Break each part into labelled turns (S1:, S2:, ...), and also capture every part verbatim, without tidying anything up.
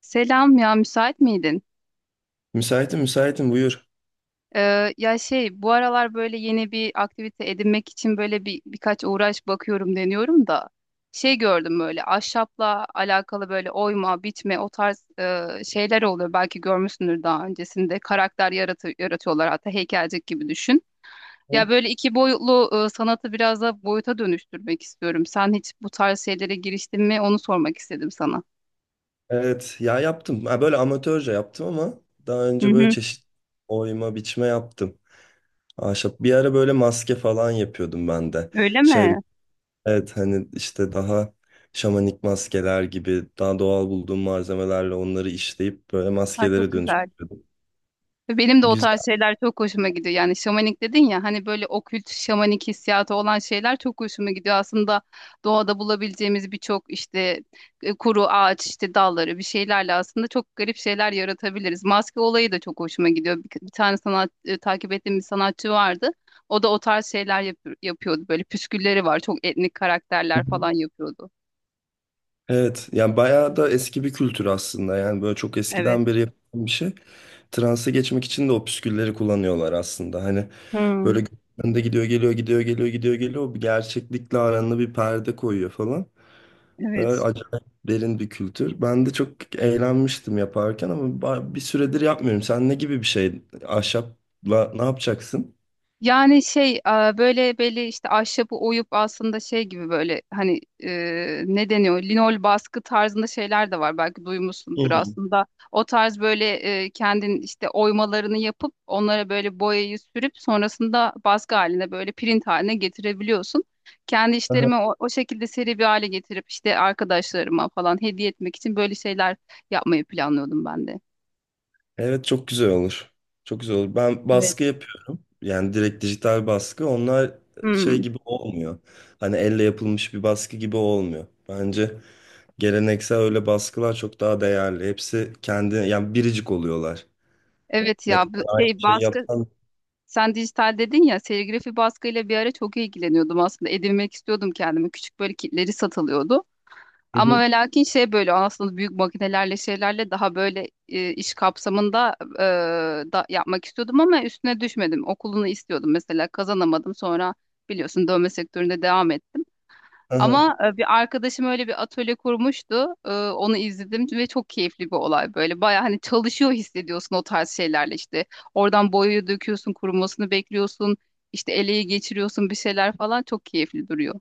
S1: Selam ya, müsait miydin?
S2: Müsaitim, müsaitim, buyur.
S1: Ee, ya şey bu aralar böyle yeni bir aktivite edinmek için böyle bir birkaç uğraş bakıyorum, deniyorum da şey gördüm, böyle ahşapla alakalı böyle oyma, biçme o tarz e, şeyler oluyor. Belki görmüşsündür, daha öncesinde karakter yaratı yaratıyorlar, hatta heykelcik gibi düşün. Ya
S2: Hı?
S1: böyle iki boyutlu e, sanatı biraz da boyuta dönüştürmek istiyorum. Sen hiç bu tarz şeylere giriştin mi? Onu sormak istedim sana.
S2: Evet, ya yaptım. Ha, böyle amatörce yaptım ama daha
S1: Hı
S2: önce böyle
S1: hı.
S2: çeşit oyma, biçme yaptım. Ahşap. Bir ara böyle maske falan yapıyordum ben de.
S1: Öyle
S2: Şey,
S1: mi?
S2: evet, hani işte daha şamanik maskeler gibi daha doğal bulduğum malzemelerle onları işleyip böyle
S1: Ha, çok
S2: maskelere
S1: güzel.
S2: dönüştürüyordum.
S1: Benim de o
S2: Güzel.
S1: tarz şeyler çok hoşuma gidiyor. Yani şamanik dedin ya, hani böyle okült şamanik hissiyatı olan şeyler çok hoşuma gidiyor. Aslında doğada bulabileceğimiz birçok işte e, kuru ağaç, işte dalları, bir şeylerle aslında çok garip şeyler yaratabiliriz. Maske olayı da çok hoşuma gidiyor. Bir, bir tane sanat, e, takip ettiğim bir sanatçı vardı. O da o tarz şeyler yap- yapıyordu. Böyle püskülleri var. Çok etnik
S2: Hı
S1: karakterler
S2: hı.
S1: falan yapıyordu.
S2: Evet, yani bayağı da eski bir kültür aslında. Yani böyle çok
S1: Evet.
S2: eskiden beri yapılan bir şey. Transa geçmek için de o püskülleri kullanıyorlar aslında. Hani
S1: Hmm.
S2: böyle önde gidiyor geliyor, gidiyor geliyor, gidiyor geliyor. Bir gerçeklikle aranda bir perde koyuyor falan. Ee,
S1: Evet.
S2: acayip derin bir kültür. Ben de çok eğlenmiştim yaparken ama ba- bir süredir yapmıyorum. Sen ne gibi bir şey? Ahşapla ne yapacaksın?
S1: Yani şey a, böyle belli işte ahşabı oyup aslında şey gibi, böyle hani e, ne deniyor, linol baskı tarzında şeyler de var, belki duymuşsundur
S2: Hmm.
S1: aslında. O tarz böyle e, kendin işte oymalarını yapıp onlara böyle boyayı sürüp sonrasında baskı haline, böyle print haline getirebiliyorsun. Kendi
S2: Aha.
S1: işlerimi o, o şekilde seri bir hale getirip işte arkadaşlarıma falan hediye etmek için böyle şeyler yapmayı planlıyordum ben de.
S2: Evet, çok güzel olur. Çok güzel olur. Ben
S1: Evet.
S2: baskı yapıyorum. Yani direkt dijital baskı. Onlar şey
S1: Hmm.
S2: gibi olmuyor. Hani elle yapılmış bir baskı gibi olmuyor. Bence geleneksel öyle baskılar çok daha değerli. Hepsi kendi, yani biricik oluyorlar.
S1: Evet
S2: Ne
S1: ya, bu
S2: kadar aynı
S1: şey
S2: şey
S1: baskı.
S2: yapsan.
S1: Sen dijital dedin ya, serigrafi baskıyla bir ara çok ilgileniyordum aslında, edinmek istiyordum kendime, küçük böyle kitleri satılıyordu
S2: Hı
S1: ama
S2: hı,
S1: ve lakin şey, böyle aslında büyük makinelerle şeylerle daha böyle e, iş kapsamında e, da, yapmak istiyordum ama üstüne düşmedim, okulunu istiyordum mesela, kazanamadım, sonra biliyorsun dövme sektöründe devam ettim.
S2: aha.
S1: Ama e, bir arkadaşım öyle bir atölye kurmuştu. E, Onu izledim ve çok keyifli bir olay böyle. Baya hani çalışıyor hissediyorsun o tarz şeylerle işte. Oradan boyayı döküyorsun, kurumasını bekliyorsun. İşte eleyi geçiriyorsun bir şeyler falan, çok keyifli duruyor.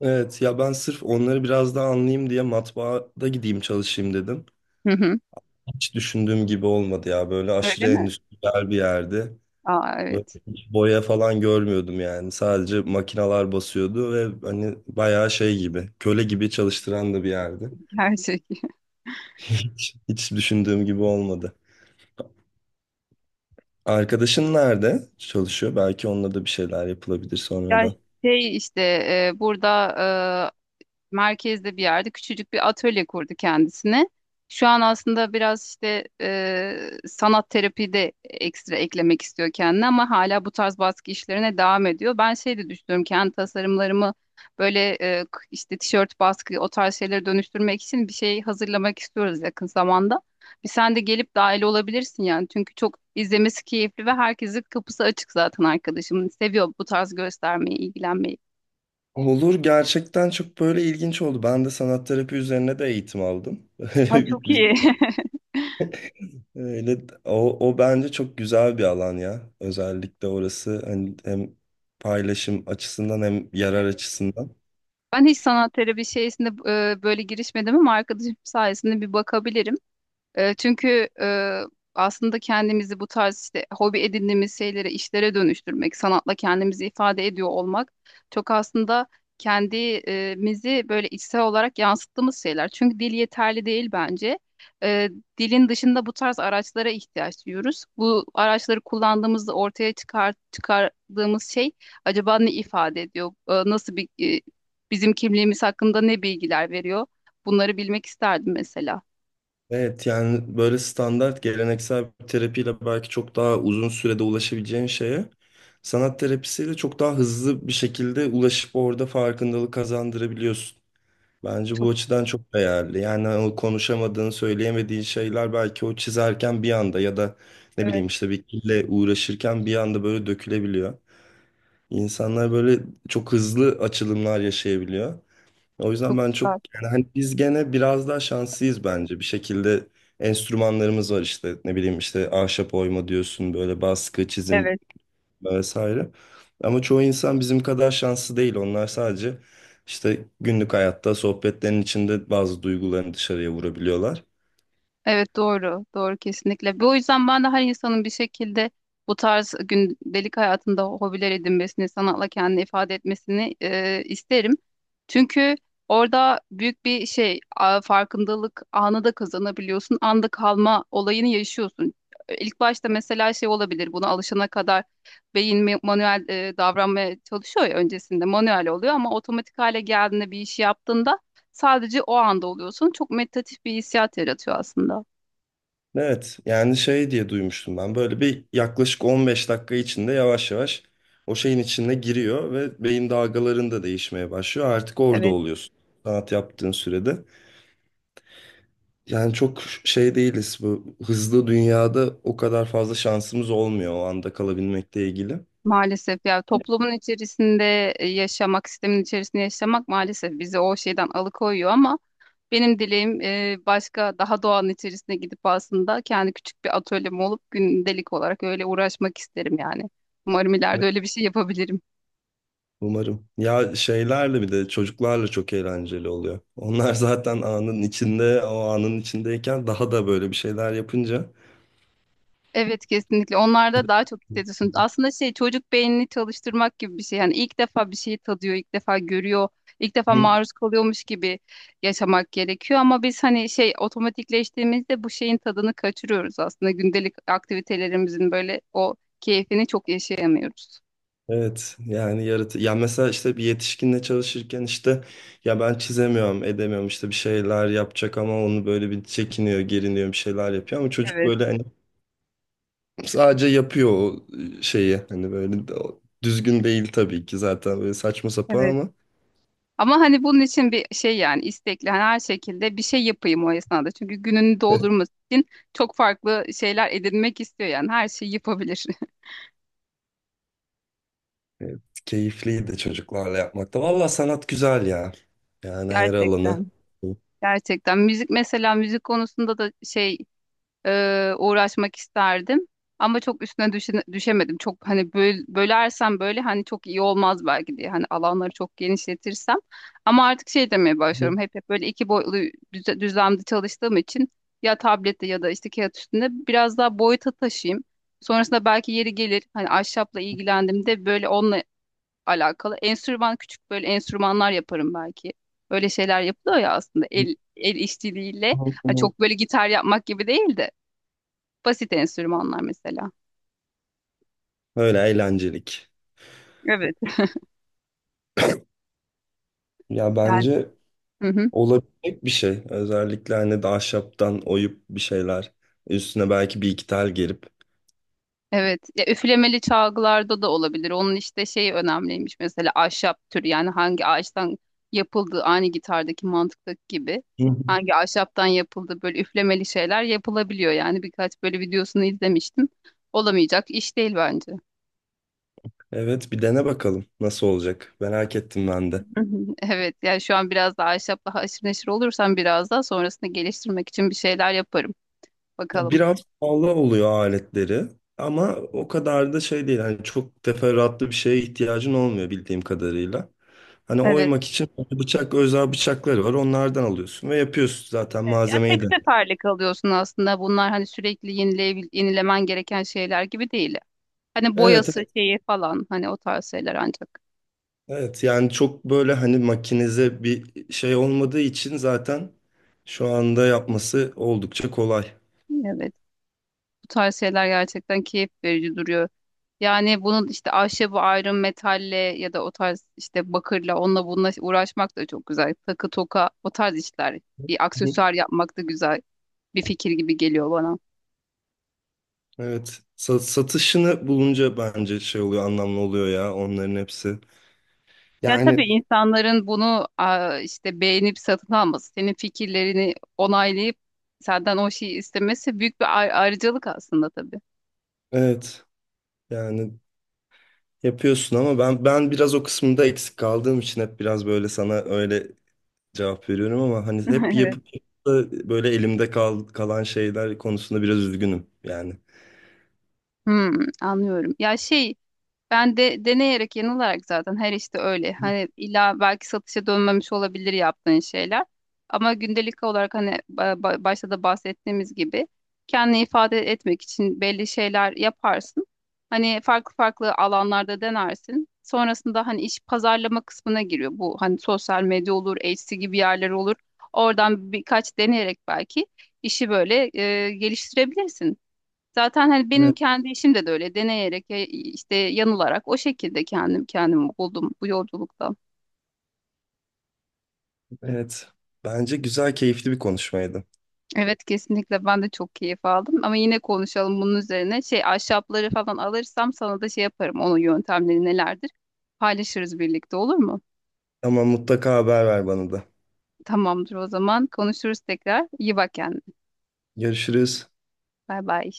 S2: Evet ya, ben sırf onları biraz daha anlayayım diye matbaada gideyim çalışayım dedim.
S1: Hı hı.
S2: Hiç düşündüğüm gibi olmadı ya. Böyle
S1: Öyle
S2: aşırı
S1: mi?
S2: endüstriyel bir yerdi.
S1: Aa,
S2: Böyle
S1: evet.
S2: hiç boya falan görmüyordum yani. Sadece makinalar basıyordu ve hani bayağı şey gibi, köle gibi çalıştıran da bir yerdi.
S1: Gerçek.
S2: Hiç, hiç düşündüğüm gibi olmadı. Arkadaşın nerede çalışıyor? Belki onunla da bir şeyler yapılabilir
S1: Ya
S2: sonradan.
S1: şey işte, e, burada e, merkezde bir yerde küçücük bir atölye kurdu kendisine. Şu an aslında biraz işte e, sanat terapi de ekstra eklemek istiyor kendine, ama hala bu tarz baskı işlerine devam ediyor. Ben şey de düşünüyorum, kendi tasarımlarımı böyle e, k- işte tişört baskı o tarz şeylere dönüştürmek için bir şey hazırlamak istiyoruz yakın zamanda. Bir sen de gelip dahil olabilirsin yani, çünkü çok izlemesi keyifli ve herkesin kapısı açık zaten arkadaşım. Seviyor bu tarz göstermeyi, ilgilenmeyi.
S2: Olur, gerçekten çok böyle ilginç oldu. Ben de sanat terapi üzerine de eğitim aldım.
S1: Ha,
S2: Biz-
S1: çok
S2: biz-
S1: iyi.
S2: Öyle, o, o bence çok güzel bir alan ya. Özellikle orası hani hem paylaşım açısından hem yarar açısından.
S1: Ben hiç sanat terapi şeysinde e, böyle girişmedim ama arkadaşım sayesinde bir bakabilirim. E, çünkü e, aslında kendimizi bu tarz işte hobi edindiğimiz şeylere, işlere dönüştürmek, sanatla kendimizi ifade ediyor olmak çok aslında kendimizi böyle içsel olarak yansıttığımız şeyler. Çünkü dil yeterli değil bence. E, Dilin dışında bu tarz araçlara ihtiyaç duyuyoruz. Bu araçları kullandığımızda ortaya çıkar, çıkardığımız şey acaba ne ifade ediyor? E, nasıl bir e, bizim kimliğimiz hakkında ne bilgiler veriyor? Bunları bilmek isterdim mesela.
S2: Evet, yani böyle standart geleneksel bir terapiyle belki çok daha uzun sürede ulaşabileceğin şeye sanat terapisiyle çok daha hızlı bir şekilde ulaşıp orada farkındalık kazandırabiliyorsun. Bence
S1: Çok
S2: bu açıdan çok değerli. Yani o konuşamadığın, söyleyemediğin şeyler belki o çizerken bir anda ya da ne
S1: evet
S2: bileyim işte bir kille uğraşırken bir anda böyle dökülebiliyor. İnsanlar böyle çok hızlı açılımlar yaşayabiliyor. O yüzden
S1: çok
S2: ben çok,
S1: güzel.
S2: yani hani biz gene biraz daha şanslıyız bence. Bir şekilde enstrümanlarımız var işte, ne bileyim işte ahşap oyma diyorsun, böyle baskı, çizim
S1: Evet.
S2: vesaire. Ama çoğu insan bizim kadar şanslı değil. Onlar sadece işte günlük hayatta sohbetlerin içinde bazı duygularını dışarıya vurabiliyorlar.
S1: Evet doğru, doğru, kesinlikle. Bu yüzden ben de her insanın bir şekilde bu tarz gündelik hayatında hobiler edinmesini, sanatla kendini ifade etmesini e, isterim. Çünkü orada büyük bir şey, a- farkındalık anı da kazanabiliyorsun, anda kalma olayını yaşıyorsun. İlk başta mesela şey olabilir, buna alışana kadar beyin ma- manuel e, davranmaya çalışıyor ya, öncesinde manuel oluyor ama otomatik hale geldiğinde bir işi yaptığında sadece o anda oluyorsun. Çok meditatif bir hissiyat yaratıyor aslında.
S2: Evet, yani şey diye duymuştum ben. Böyle bir yaklaşık on beş dakika içinde yavaş yavaş o şeyin içine giriyor ve beyin dalgaların da değişmeye başlıyor. Artık orada
S1: Evet,
S2: oluyorsun. Sanat yaptığın sürede. Yani çok şey değiliz, bu hızlı dünyada o kadar fazla şansımız olmuyor o anda kalabilmekle ilgili.
S1: maalesef ya, toplumun içerisinde e, yaşamak, sistemin içerisinde yaşamak maalesef bizi o şeyden alıkoyuyor, ama benim dileğim e, başka, daha doğanın içerisine gidip aslında kendi küçük bir atölyem olup gündelik olarak öyle uğraşmak isterim yani. Umarım ileride öyle bir şey yapabilirim.
S2: Umarım. Ya, şeylerle bir de çocuklarla çok eğlenceli oluyor. Onlar zaten anın içinde, o anın içindeyken daha da böyle bir şeyler yapınca.
S1: Evet, kesinlikle. Onlarda daha çok hissediyorsun. Aslında şey, çocuk beynini çalıştırmak gibi bir şey. Yani ilk defa bir şeyi tadıyor, ilk defa görüyor, ilk defa
S2: Hı.
S1: maruz kalıyormuş gibi yaşamak gerekiyor. Ama biz hani şey, otomatikleştiğimizde bu şeyin tadını kaçırıyoruz aslında. Gündelik aktivitelerimizin böyle o keyfini çok yaşayamıyoruz.
S2: Evet, yani yaratı ya, mesela işte bir yetişkinle çalışırken işte ya ben çizemiyorum edemiyorum, işte bir şeyler yapacak ama onu böyle bir çekiniyor, geriniyor, bir şeyler yapıyor ama çocuk
S1: Evet,
S2: böyle hani sadece yapıyor o şeyi. Hani böyle de- o- düzgün değil tabii ki, zaten böyle saçma sapan
S1: evet.
S2: ama
S1: Ama hani bunun için bir şey yani istekli, hani her şekilde bir şey yapayım o esnada. Çünkü gününü doldurması için çok farklı şeyler edinmek istiyor yani, her şeyi yapabilir.
S2: evet, keyifliydi çocuklarla yapmakta. Valla sanat güzel ya. Yani her alanı.
S1: Gerçekten. Gerçekten müzik mesela, müzik konusunda da şey, e, uğraşmak isterdim ama çok üstüne düşe- düşemedim. Çok hani böl, bölersem böyle hani çok iyi olmaz belki diye, hani alanları çok genişletirsem, ama artık şey demeye başlıyorum, hep hep böyle iki boyutlu düze- düzlemde çalıştığım için ya tablette ya da işte kağıt üstünde biraz daha boyuta taşıyayım. Sonrasında belki yeri gelir, hani ahşapla ilgilendiğimde böyle onunla alakalı. Enstrüman, küçük böyle enstrümanlar yaparım belki. Öyle şeyler yapılıyor ya aslında, el el işçiliğiyle. Hani çok böyle gitar yapmak gibi değil de basit enstrümanlar mesela.
S2: Öyle eğlencelik.
S1: Evet.
S2: Ya
S1: Yani,
S2: bence
S1: hı hı,
S2: olabilecek bir şey. Özellikle hani de ahşaptan oyup bir şeyler. Üstüne belki bir iki tel gerip.
S1: evet. Ya, üflemeli çalgılarda da olabilir. Onun işte şey önemliymiş mesela, ahşap türü yani hangi ağaçtan yapıldığı, aynı gitardaki mantıktaki gibi.
S2: Hı hı.
S1: Hangi ahşaptan yapıldı, böyle üflemeli şeyler yapılabiliyor yani, birkaç böyle videosunu izlemiştim. Olamayacak iş değil bence.
S2: Evet, bir dene bakalım nasıl olacak. Merak ettim ben de.
S1: Hı hı. Evet yani, şu an biraz daha ahşapla haşır neşir olursam biraz daha sonrasında geliştirmek için bir şeyler yaparım.
S2: Ya,
S1: Bakalım.
S2: biraz pahalı oluyor aletleri ama o kadar da şey değil. Hani çok teferruatlı bir şeye ihtiyacın olmuyor bildiğim kadarıyla. Hani
S1: Evet.
S2: oymak için hani bıçak, özel bıçakları var. Onlardan alıyorsun ve yapıyorsun zaten
S1: Evet. Ya tek
S2: malzemeyi de.
S1: seferlik alıyorsun aslında. Bunlar hani sürekli yenileyebil yenilemen gereken şeyler gibi değil. Hani
S2: Evet,
S1: boyası,
S2: evet,
S1: şeyi falan hani, o tarz şeyler ancak.
S2: evet. Yani çok böyle hani makinize bir şey olmadığı için zaten şu anda yapması oldukça kolay.
S1: Evet. Bu tarz şeyler gerçekten keyif verici duruyor. Yani bunun işte, ahşabı ayrı metalle ya da o tarz işte bakırla, onunla bununla uğraşmak da çok güzel. Takı, toka, o tarz işler. Bir
S2: Hı.
S1: aksesuar yapmak da güzel. Bir fikir gibi geliyor bana.
S2: Evet. Sa- satışını bulunca bence şey oluyor, anlamlı oluyor ya onların hepsi.
S1: Ya tabii,
S2: Yani
S1: insanların bunu aa, işte beğenip satın alması, senin fikirlerini onaylayıp senden o şeyi istemesi büyük bir ay- ayrıcalık aslında tabii.
S2: evet. Yani yapıyorsun ama ben ben biraz o kısmında eksik kaldığım için hep biraz böyle sana öyle cevap veriyorum ama hani hep
S1: Evet.
S2: yapıp da böyle elimde kal, kalan şeyler konusunda biraz üzgünüm yani.
S1: Hmm, anlıyorum. Ya şey, ben de deneyerek yanılarak zaten, her işte öyle. Hani illa belki satışa dönmemiş olabilir yaptığın şeyler. Ama gündelik olarak hani ba- ba- başta da bahsettiğimiz gibi kendini ifade etmek için belli şeyler yaparsın. Hani farklı farklı alanlarda denersin. Sonrasında hani iş, pazarlama kısmına giriyor. Bu hani sosyal medya olur, Etsy gibi yerler olur. Oradan birkaç deneyerek belki işi böyle e, geliştirebilirsin. Zaten hani benim
S2: Evet,
S1: kendi işim de, de öyle deneyerek ya- işte yanılarak o şekilde kendim kendimi buldum bu yolculukta.
S2: evet. Bence güzel, keyifli bir konuşmaydı.
S1: Evet kesinlikle, ben de çok keyif aldım, ama yine konuşalım bunun üzerine. Şey, ahşapları falan alırsam sana da şey yaparım, onun yöntemleri nelerdir paylaşırız birlikte, olur mu?
S2: Ama mutlaka haber ver bana da.
S1: Tamamdır, o zaman konuşuruz tekrar. İyi bak kendine.
S2: Görüşürüz.
S1: Bay bay.